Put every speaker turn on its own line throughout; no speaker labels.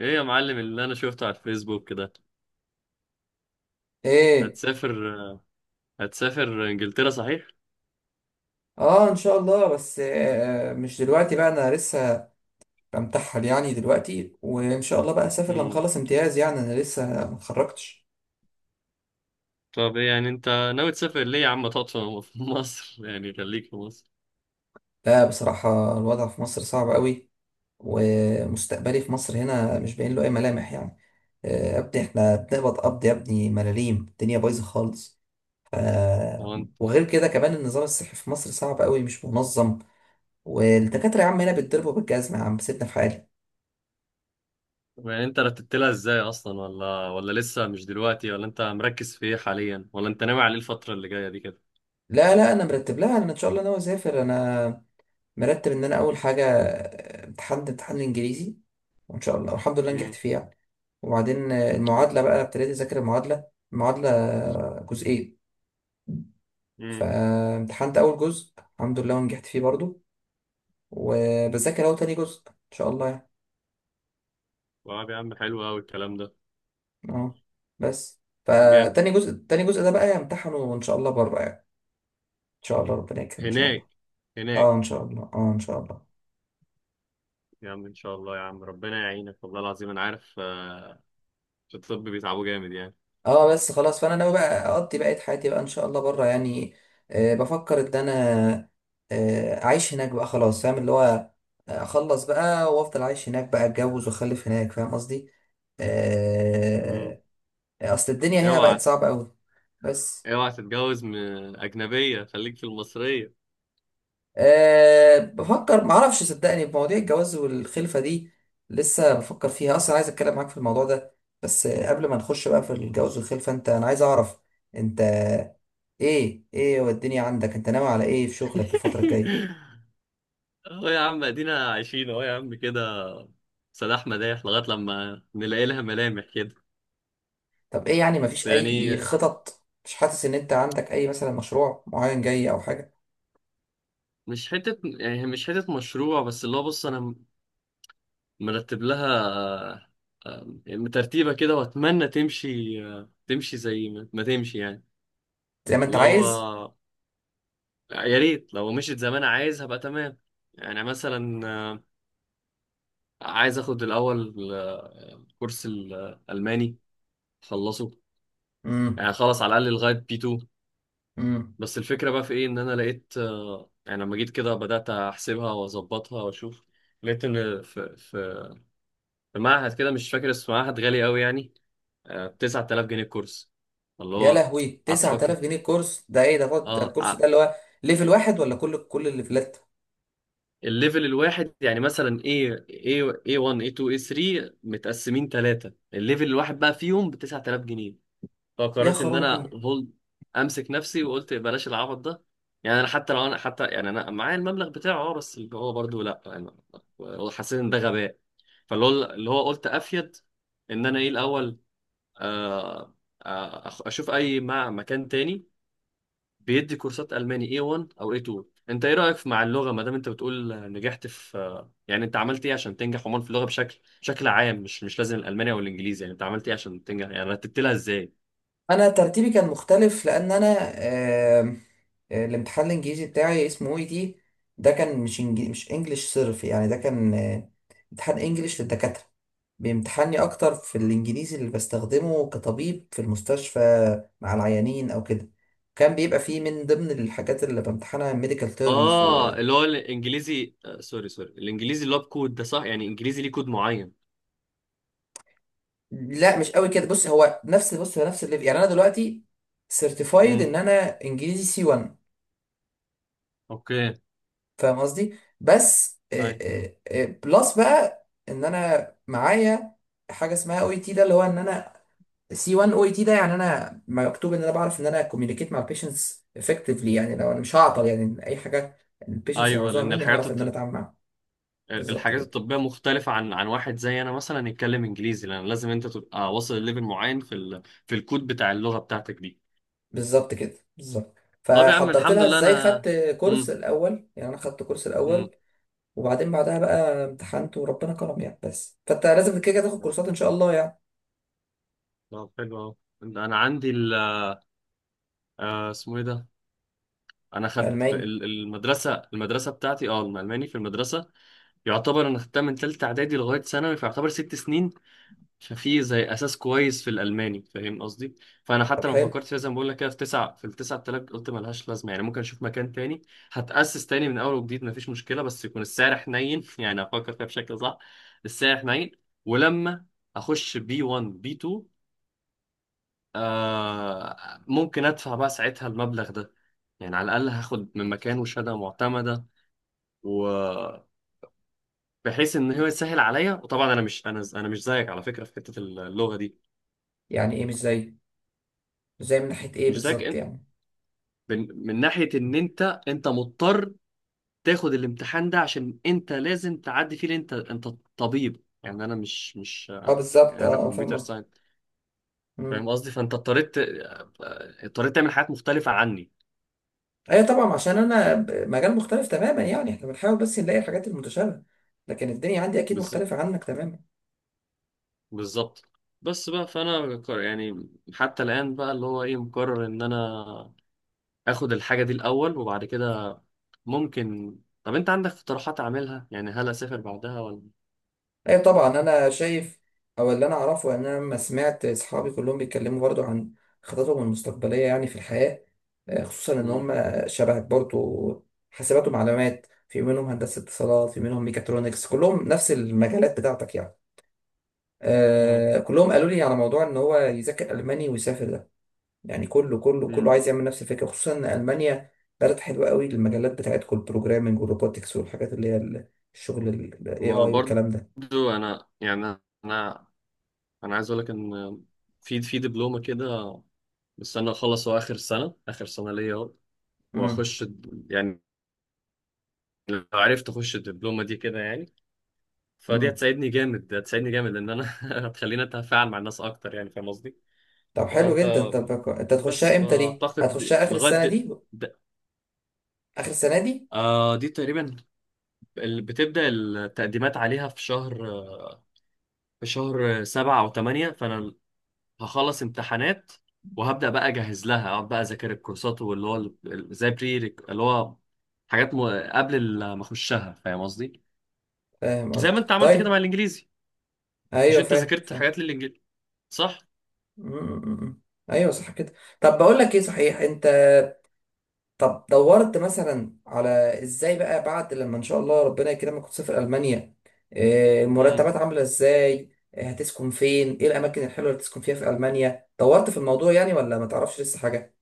ايه يا معلم اللي انا شفته على الفيسبوك كده؟
ايه.
هتسافر؟ هتسافر انجلترا صحيح؟
اه، ان شاء الله. بس مش دلوقتي بقى، انا لسه بمتحل يعني دلوقتي، وان شاء الله بقى اسافر لما
مم.
اخلص امتياز يعني. انا لسه ما اتخرجتش.
طب ايه يعني ناوي تسافر ليه يا عم؟ تقعد في في مصر، يعني خليك في مصر.
لا، بصراحة الوضع في مصر صعب قوي، ومستقبلي في مصر هنا مش باين له اي ملامح يعني. آه يا ابني احنا بنقبض قبض يا ابني، ملاليم، الدنيا بايظة خالص. ف...
طب انت
وغير كده كمان، النظام الصحي في مصر صعب قوي، مش منظم، والدكاترة يا عم هنا بيتضربوا بالجزمة. يا عم سيبنا في حالي.
طب يعني انت رتبت لها ازاي اصلا، ولا لسه مش دلوقتي، ولا انت مركز في ايه حاليا، ولا انت ناوي على ايه الفترة اللي جاية دي كده؟
لا، انا مرتب لها. انا ان شاء الله ناوي اسافر. انا مرتب ان انا اول حاجه امتحان الانجليزي، وان شاء الله والحمد لله نجحت
امم.
فيه يعني. وبعدين المعادله، بقى ابتديت اذاكر المعادله جزئين.
امم.
فامتحنت اول جزء الحمد لله ونجحت فيه برضو، وبذاكر اهو تاني جزء ان شاء الله يعني.
طب يا عم حلو قوي الكلام ده.
اه. بس
جامد.
فتاني جزء ده بقى امتحنه ان شاء الله بره يعني. ان شاء الله ربنا يكرم، ان شاء الله.
هناك
اه
هناك.
ان شاء الله، اه ان شاء الله.
يا عم ان شاء الله يا عم، ربنا يعينك والله العظيم. انا عارف، في الطب بيتعبوا جامد يعني.
اه بس خلاص، فانا ناوي بقى اقضي بقية حياتي بقى ان شاء الله بره يعني. آه بفكر ان انا اعيش هناك بقى خلاص، فاهم؟ اللي هو اخلص بقى وافضل عايش هناك بقى، اتجوز واخلف هناك، فاهم قصدي؟
مم.
آه. اصل الدنيا هنا بقت
اوعى
صعبة قوي. بس.
اوعى تتجوز من أجنبية، خليك في المصرية.
آه بفكر، معرفش صدقني، بمواضيع الجواز والخلفة دي لسه بفكر فيها اصلا. عايز اتكلم معاك في الموضوع ده. بس قبل ما نخش بقى في الجواز والخلفة، انت، انا عايز اعرف انت، ايه والدنيا عندك؟ انت ناوي على ايه في شغلك الفترة الجاية؟
اهو يا عم، ادينا عايشين اهو يا عم كده، سلاح مداح لغاية لما نلاقي لها ملامح كده.
طب ايه يعني؟
بس
مفيش
يعني
اي خطط؟ مش حاسس ان انت عندك اي مثلا مشروع معين جاي او حاجة؟
مش حتة مشروع، بس اللي هو بص، انا مرتب لها، آه، ترتيبة كده واتمنى تمشي، تمشي زي ما تمشي يعني.
زي ما انت
اللي هو
عايز.
يا ريت لو مشيت زي ما انا عايز هبقى تمام. يعني مثلا عايز اخد الاول كورس الالماني، خلصوا
امم.
يعني خلص على الاقل لغايه بي B2.
امم.
بس الفكره بقى في ايه، ان انا لقيت يعني لما جيت كده بدات احسبها واظبطها واشوف. لقيت ان في في معهد كده مش فاكر اسمه، معهد غالي قوي يعني. 9000 جنيه الكورس اللي
يا
هو.
لهوي،
قعدت افكر.
9000 جنيه الكورس ده؟ ايه ده؟ ده
اه
الكورس ده
ع-
اللي هو ليفل واحد، ولا كل الليفلات؟
الليفل الواحد، يعني مثلا ايه A1 ايه A2 ايه A3، متقسمين ثلاثه، الليفل الواحد بقى فيهم ب 9000 جنيه.
يا
فقررت ان انا
خرابي.
هولد، امسك نفسي، وقلت بلاش العبط ده. يعني انا حتى لو انا حتى يعني انا معايا المبلغ بتاعه، اه، بس اللي هو برضه لا يعني. هو حسيت ان ده غباء، فاللي هو اللي هو قلت افيد، ان انا ايه الاول، آه، اشوف اي مكان تاني بيدي كورسات الماني A1 او A2. انت ايه رايك مع اللغه ما دام انت بتقول نجحت في، يعني انت عملت ايه عشان تنجح عموما في اللغه بشكل عام، مش لازم الالماني او الانجليزي، يعني انت عملت ايه عشان تنجح، يعني رتبت لها ازاي؟
انا ترتيبي كان مختلف، لان انا الامتحان الانجليزي بتاعي اسمه اي تي. ده كان مش انجليش صرف يعني. ده كان امتحان انجليش للدكاترة. بيمتحني اكتر في الانجليزي اللي بستخدمه كطبيب في المستشفى مع العيانين او كده. كان بيبقى فيه من ضمن الحاجات اللي بامتحنها ميديكال تيرمز
اه اللي هو الانجليزي، آه سوري الانجليزي اللي هو بكود ده صح يعني؟ انجليزي ليه كود معين؟
لا، مش قوي كده. بص هو نفس الليفل، يعني انا دلوقتي سيرتيفايد
امم.
ان انا انجليزي سي C1،
اوكي.
فاهم قصدي؟ بس
ايوه.
بلس بقى ان انا معايا حاجه اسمها او اي تي، ده اللي هو ان انا سي C1 او اي تي ده، يعني انا مكتوب ان انا بعرف ان انا كوميونيكيت مع البيشنتس افكتفلي. يعني لو انا مش هعطل يعني اي حاجه البيشنتس
ايوه،
هيعوزوها
لان
مني،
الحاجات
هعرف ان انا
الط...
اتعامل معاها. بالظبط
الحاجات
كده
الطبيه مختلفه عن واحد زي انا مثلا يتكلم انجليزي، لان لازم انت تبقى واصل لليفل معين في ال... في الكود بتاع اللغه بتاعتك دي.
بالظبط كده بالظبط.
طب يا عم
فحضرت
الحمد
لها
لله
ازاي؟
انا.
خدت كورس
امم.
الاول. يعني انا خدت كورس
امم.
الاول، وبعدين بعدها بقى امتحنت وربنا كرم يعني. بس فانت لازم كده كده تاخد
يلا.
كورسات ان شاء الله يعني.
طب حلو اهو. انا عندي ال... آه اسمه ايه ده؟ انا خدت
الماني.
المدرسه بتاعتي، اه الالماني في المدرسه. يعتبر انا خدتها من تالتة اعدادي لغاية ثانوي، فيعتبر ست سنين. ففي زي اساس كويس في الالماني، فاهم قصدي؟ فانا
طب
حتى لما
حلو.
فكرت فيها زي ما بقول لك كده، في تسعة في التسعة التلات، قلت ملهاش لازمة، يعني ممكن اشوف مكان تاني. هتأسس تاني من اول وجديد مفيش مشكلة، بس يكون السعر حنين، يعني افكر فيها بشكل صح. السعر حنين، ولما اخش بي B1 بي B2، آه ممكن ادفع بقى ساعتها المبلغ ده. يعني على الاقل هاخد من مكانه شهادة معتمدة، و... بحيث ان هو يسهل عليا. وطبعا انا مش انا مش زيك على فكره في حته اللغه دي.
يعني ايه مش زي؟ ازاي من ناحية ايه
مش زيك
بالظبط
إن-
يعني؟
من ناحيه ان انت مضطر تاخد الامتحان ده عشان انت لازم تعدي فيه، لأن انت طبيب. يعني انا مش
اه، بالظبط،
يعني انا
اه فاهم
كمبيوتر
قصدك.
ساينس،
مم.
فاهم قصدي؟ فانت اضطريت، تعمل حاجات مختلفه عني.
ايوه طبعا، عشان انا
فاهم.
مجال مختلف تماما يعني، احنا بنحاول بس نلاقي الحاجات المتشابهة، لكن الدنيا عندي اكيد
بالظبط.
مختلفة عنك تماما.
بالظبط. بس بقى فانا ك- يعني حتى الان بقى اللي هو ايه، مقرر ان انا اخد الحاجه دي الاول، وبعد كده ممكن. طب انت عندك اقتراحات اعملها، يعني هل اسافر بعدها ولا؟
ايوه طبعا، انا شايف. او اللي انا اعرفه ان انا لما سمعت اصحابي كلهم بيتكلموا برضو عن خططهم المستقبلية يعني في الحياة، خصوصا ان
مم.
هم شبهك برضو، حاسبات ومعلومات، في منهم هندسة اتصالات، في منهم ميكاترونكس، كلهم نفس المجالات بتاعتك يعني.
اه.
آه كلهم قالوا لي على موضوع ان هو يذاكر الماني ويسافر ده، يعني كله
مم.
عايز يعمل نفس الفكره، خصوصا ان المانيا بلد حلوه قوي للمجالات بتاعتكم، البروجرامنج والروبوتكس والحاجات اللي هي الشغل الاي اي
ما
والكلام ده.
برضو انا يعني انا انا عايز اقول لك ان في دبلومه كده مستني اخلص، هو اخر سنه ليا اهو،
امم.
واخش لو عرفت اخش الدبلومه دي كده يعني، فدي
امم.
هتساعدني جامد، لان انا هتخليني اتفاعل مع الناس اكتر، يعني فاهم قصدي؟
طب
ما
حلو
انت
جدا. طب انت هتخشها امتى؟ دي
فاعتقد
هتخشها اخر
لغايه
السنه دي؟
د-
اخر السنه دي.
آه دي تقريبا ال- بتبدأ التقديمات عليها في شهر، في شهر سبعة أو تمانية. فأنا هخلص امتحانات وهبدأ بقى أجهز لها، أقعد بقى أذاكر الكورسات واللي هو زي بري، اللي هو حاجات م... ما أخشها، فاهم قصدي؟
فاهم
زي ما
قصدك،
أنت عملت كده
طيب.
مع الإنجليزي. مش
ايوه
أنت
فاهم
ذاكرت
فاهم
حاجات للإنجليزي صح؟
أمم، أمم، أمم. ايوه صح كده. طب بقول لك ايه، صحيح انت، طب دورت مثلا على، ازاي بقى بعد لما ان شاء الله ربنا يكرمك وتسافر المانيا،
مم.
المرتبات عامله ازاي؟ هتسكن فين؟ ايه الاماكن الحلوه اللي تسكن فيها في المانيا؟ دورت في الموضوع يعني ولا ما تعرفش لسه حاجه؟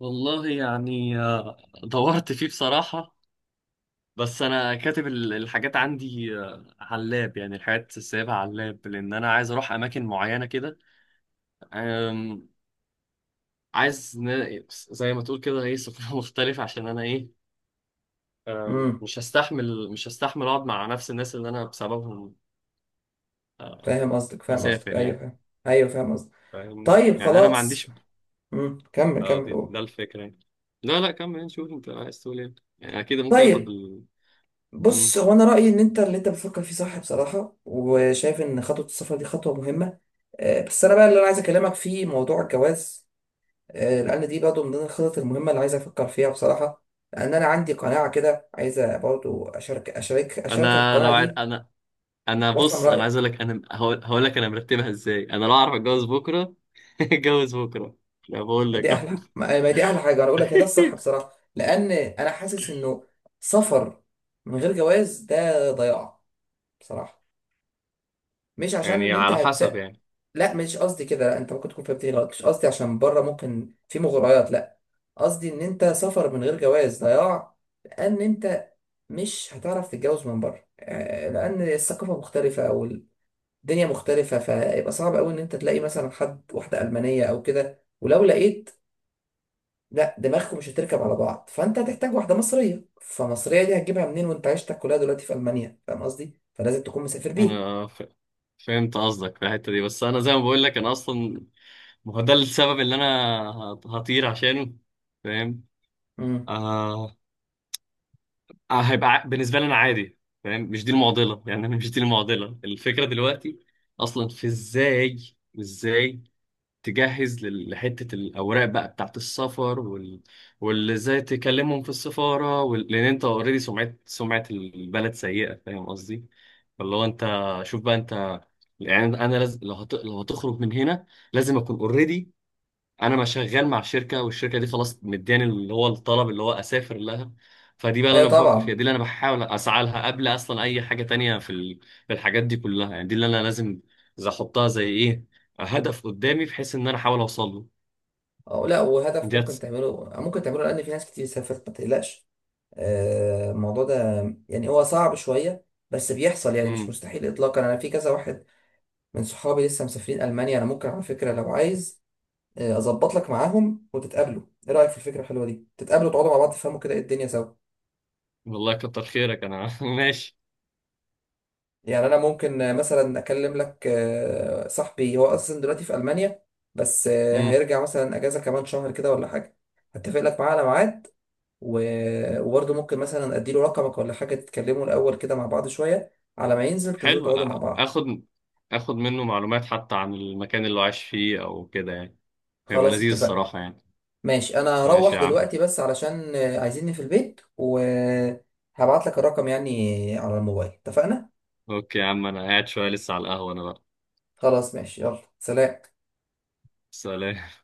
والله يعني، دورت فيه بصراحة. بس انا كاتب الحاجات عندي على اللاب، يعني الحاجات سايبها على اللاب، لان انا عايز اروح اماكن معينه كده. أم، عايز زي ما تقول كده ايه، سفر مختلف عشان انا ايه.
امم.
مش هستحمل، اقعد مع نفس الناس اللي انا بسببهم آه،
فاهم قصدك،
هسافر
ايوه
يعني،
فاهم. ايوه فاهم قصدك.
فاهمني؟
طيب،
يعني انا ما
خلاص.
عنديش،
امم، كمل كمل قول.
ده الفكره يعني. لا كمل نشوف انت عايز تقول ايه، يعني اكيد ممكن اخد
طيب
ال... مم.
بص، هو انا رايي ان انت اللي انت بتفكر فيه صح بصراحه، وشايف ان خطوه السفر دي خطوه مهمه. بس انا بقى اللي انا عايز اكلمك فيه موضوع الجواز، لان دي برضه من ضمن الخطط المهمه اللي عايز افكر فيها بصراحه، لان انا عندي قناعه كده عايز برضه اشارك اشاركك
انا
القناعه
لو عارف،
دي، وافهم
انا عايز
رايك.
اقول لك، انا هقول هقول لك انا مرتبها ازاي. انا لو اعرف اتجوز بكره، اتجوز بكره. لا بقول لك
دي
أهو.
احلى ما ما دي احلى حاجه انا اقول لك هي، ده الصح بصراحه، لان انا حاسس انه سفر من غير جواز ده ضياع بصراحه. مش عشان
يعني
ان انت
على حسب يعني.
لا مش قصدي كده. لا، انت ممكن تكون فهمتني غلط، مش قصدي عشان بره ممكن في مغريات، لا. قصدي ان انت سفر من غير جواز ضياع، لان انت مش هتعرف تتجوز من بره، لان الثقافه مختلفه، او الدنيا مختلفه، فيبقى صعب قوي ان انت تلاقي مثلا حد، واحده المانيه او كده، ولو لقيت لا، دماغكم مش هتركب على بعض، فانت هتحتاج واحده مصريه، فمصريه دي هتجيبها منين وانت عيشتك كلها دلوقتي في المانيا؟ فاهم قصدي؟ فلازم تكون مسافر بيها.
انا ف... فهمت قصدك في الحته دي، بس انا زي ما بقول لك انا اصلا، ما هو ده السبب اللي انا هطير عشانه، فاهم؟
امم.
آه... آه هيبقى بالنسبه لي انا عادي، فاهم؟ مش دي المعضله، يعني انا مش دي المعضله. الفكره دلوقتي اصلا في ازاي، ازاي تجهز لحتة الأوراق بقى بتاعت السفر وال... واللي ازاي تكلمهم في السفارة وال... لأن أنت أوريدي سمعة البلد سيئة، فاهم قصدي؟ فاللي هو أنت، شوف بقى أنت، يعني أنا لازم لو لو هتخرج من هنا لازم أكون أوريدي انا ما شغال مع شركه، والشركه دي خلاص مداني اللي هو الطلب اللي هو اسافر لها. فدي بقى اللي
ايوه
انا بفكر فيها، دي
طبعا.
اللي انا بحاول اسعى لها قبل اصلا اي حاجه تانية في في الحاجات دي كلها. يعني دي اللي انا لازم زي احطها زي ايه، هدف قدامي، بحيث ان انا احاول اوصل له.
أو لا، وهدف ممكن
ديت.
تعمله ممكن تعمله لان في ناس كتير سافرت، ما تقلقش. الموضوع ده يعني هو صعب شوية، بس بيحصل يعني، مش
امم.
مستحيل إطلاقا. أنا في كذا واحد من صحابي لسه مسافرين ألمانيا. أنا ممكن على فكرة لو عايز أظبط لك معاهم وتتقابلوا. إيه رأيك في الفكرة الحلوة دي؟ تتقابلوا، تقعدوا مع بعض، تفهموا كده إيه الدنيا سوا.
والله كتر خيرك انا، ماشي.
يعني أنا ممكن مثلا أكلم لك صاحبي، هو أصلا دلوقتي في ألمانيا، بس
امم.
هيرجع مثلا أجازة كمان شهر كده ولا حاجة، هتفق لك معاه على ميعاد. وبرضه ممكن مثلا اديله رقمك ولا حاجه، تتكلموا الاول كده مع بعض شويه، على ما ينزل تنزلوا
حلو،
تقعدوا مع بعض.
اخد، منه معلومات حتى عن المكان اللي هو عايش فيه او كده يعني، هيبقى
خلاص
لذيذ
اتفقنا.
الصراحه يعني.
ماشي، انا
ماشي
هروح
يا عم.
دلوقتي بس علشان عايزيني في البيت، وهبعت لك الرقم يعني على الموبايل. اتفقنا؟
اوكي يا عم، انا قاعد شويه لسه على القهوه انا بقى.
خلاص ماشي، يلا سلام.
سلام.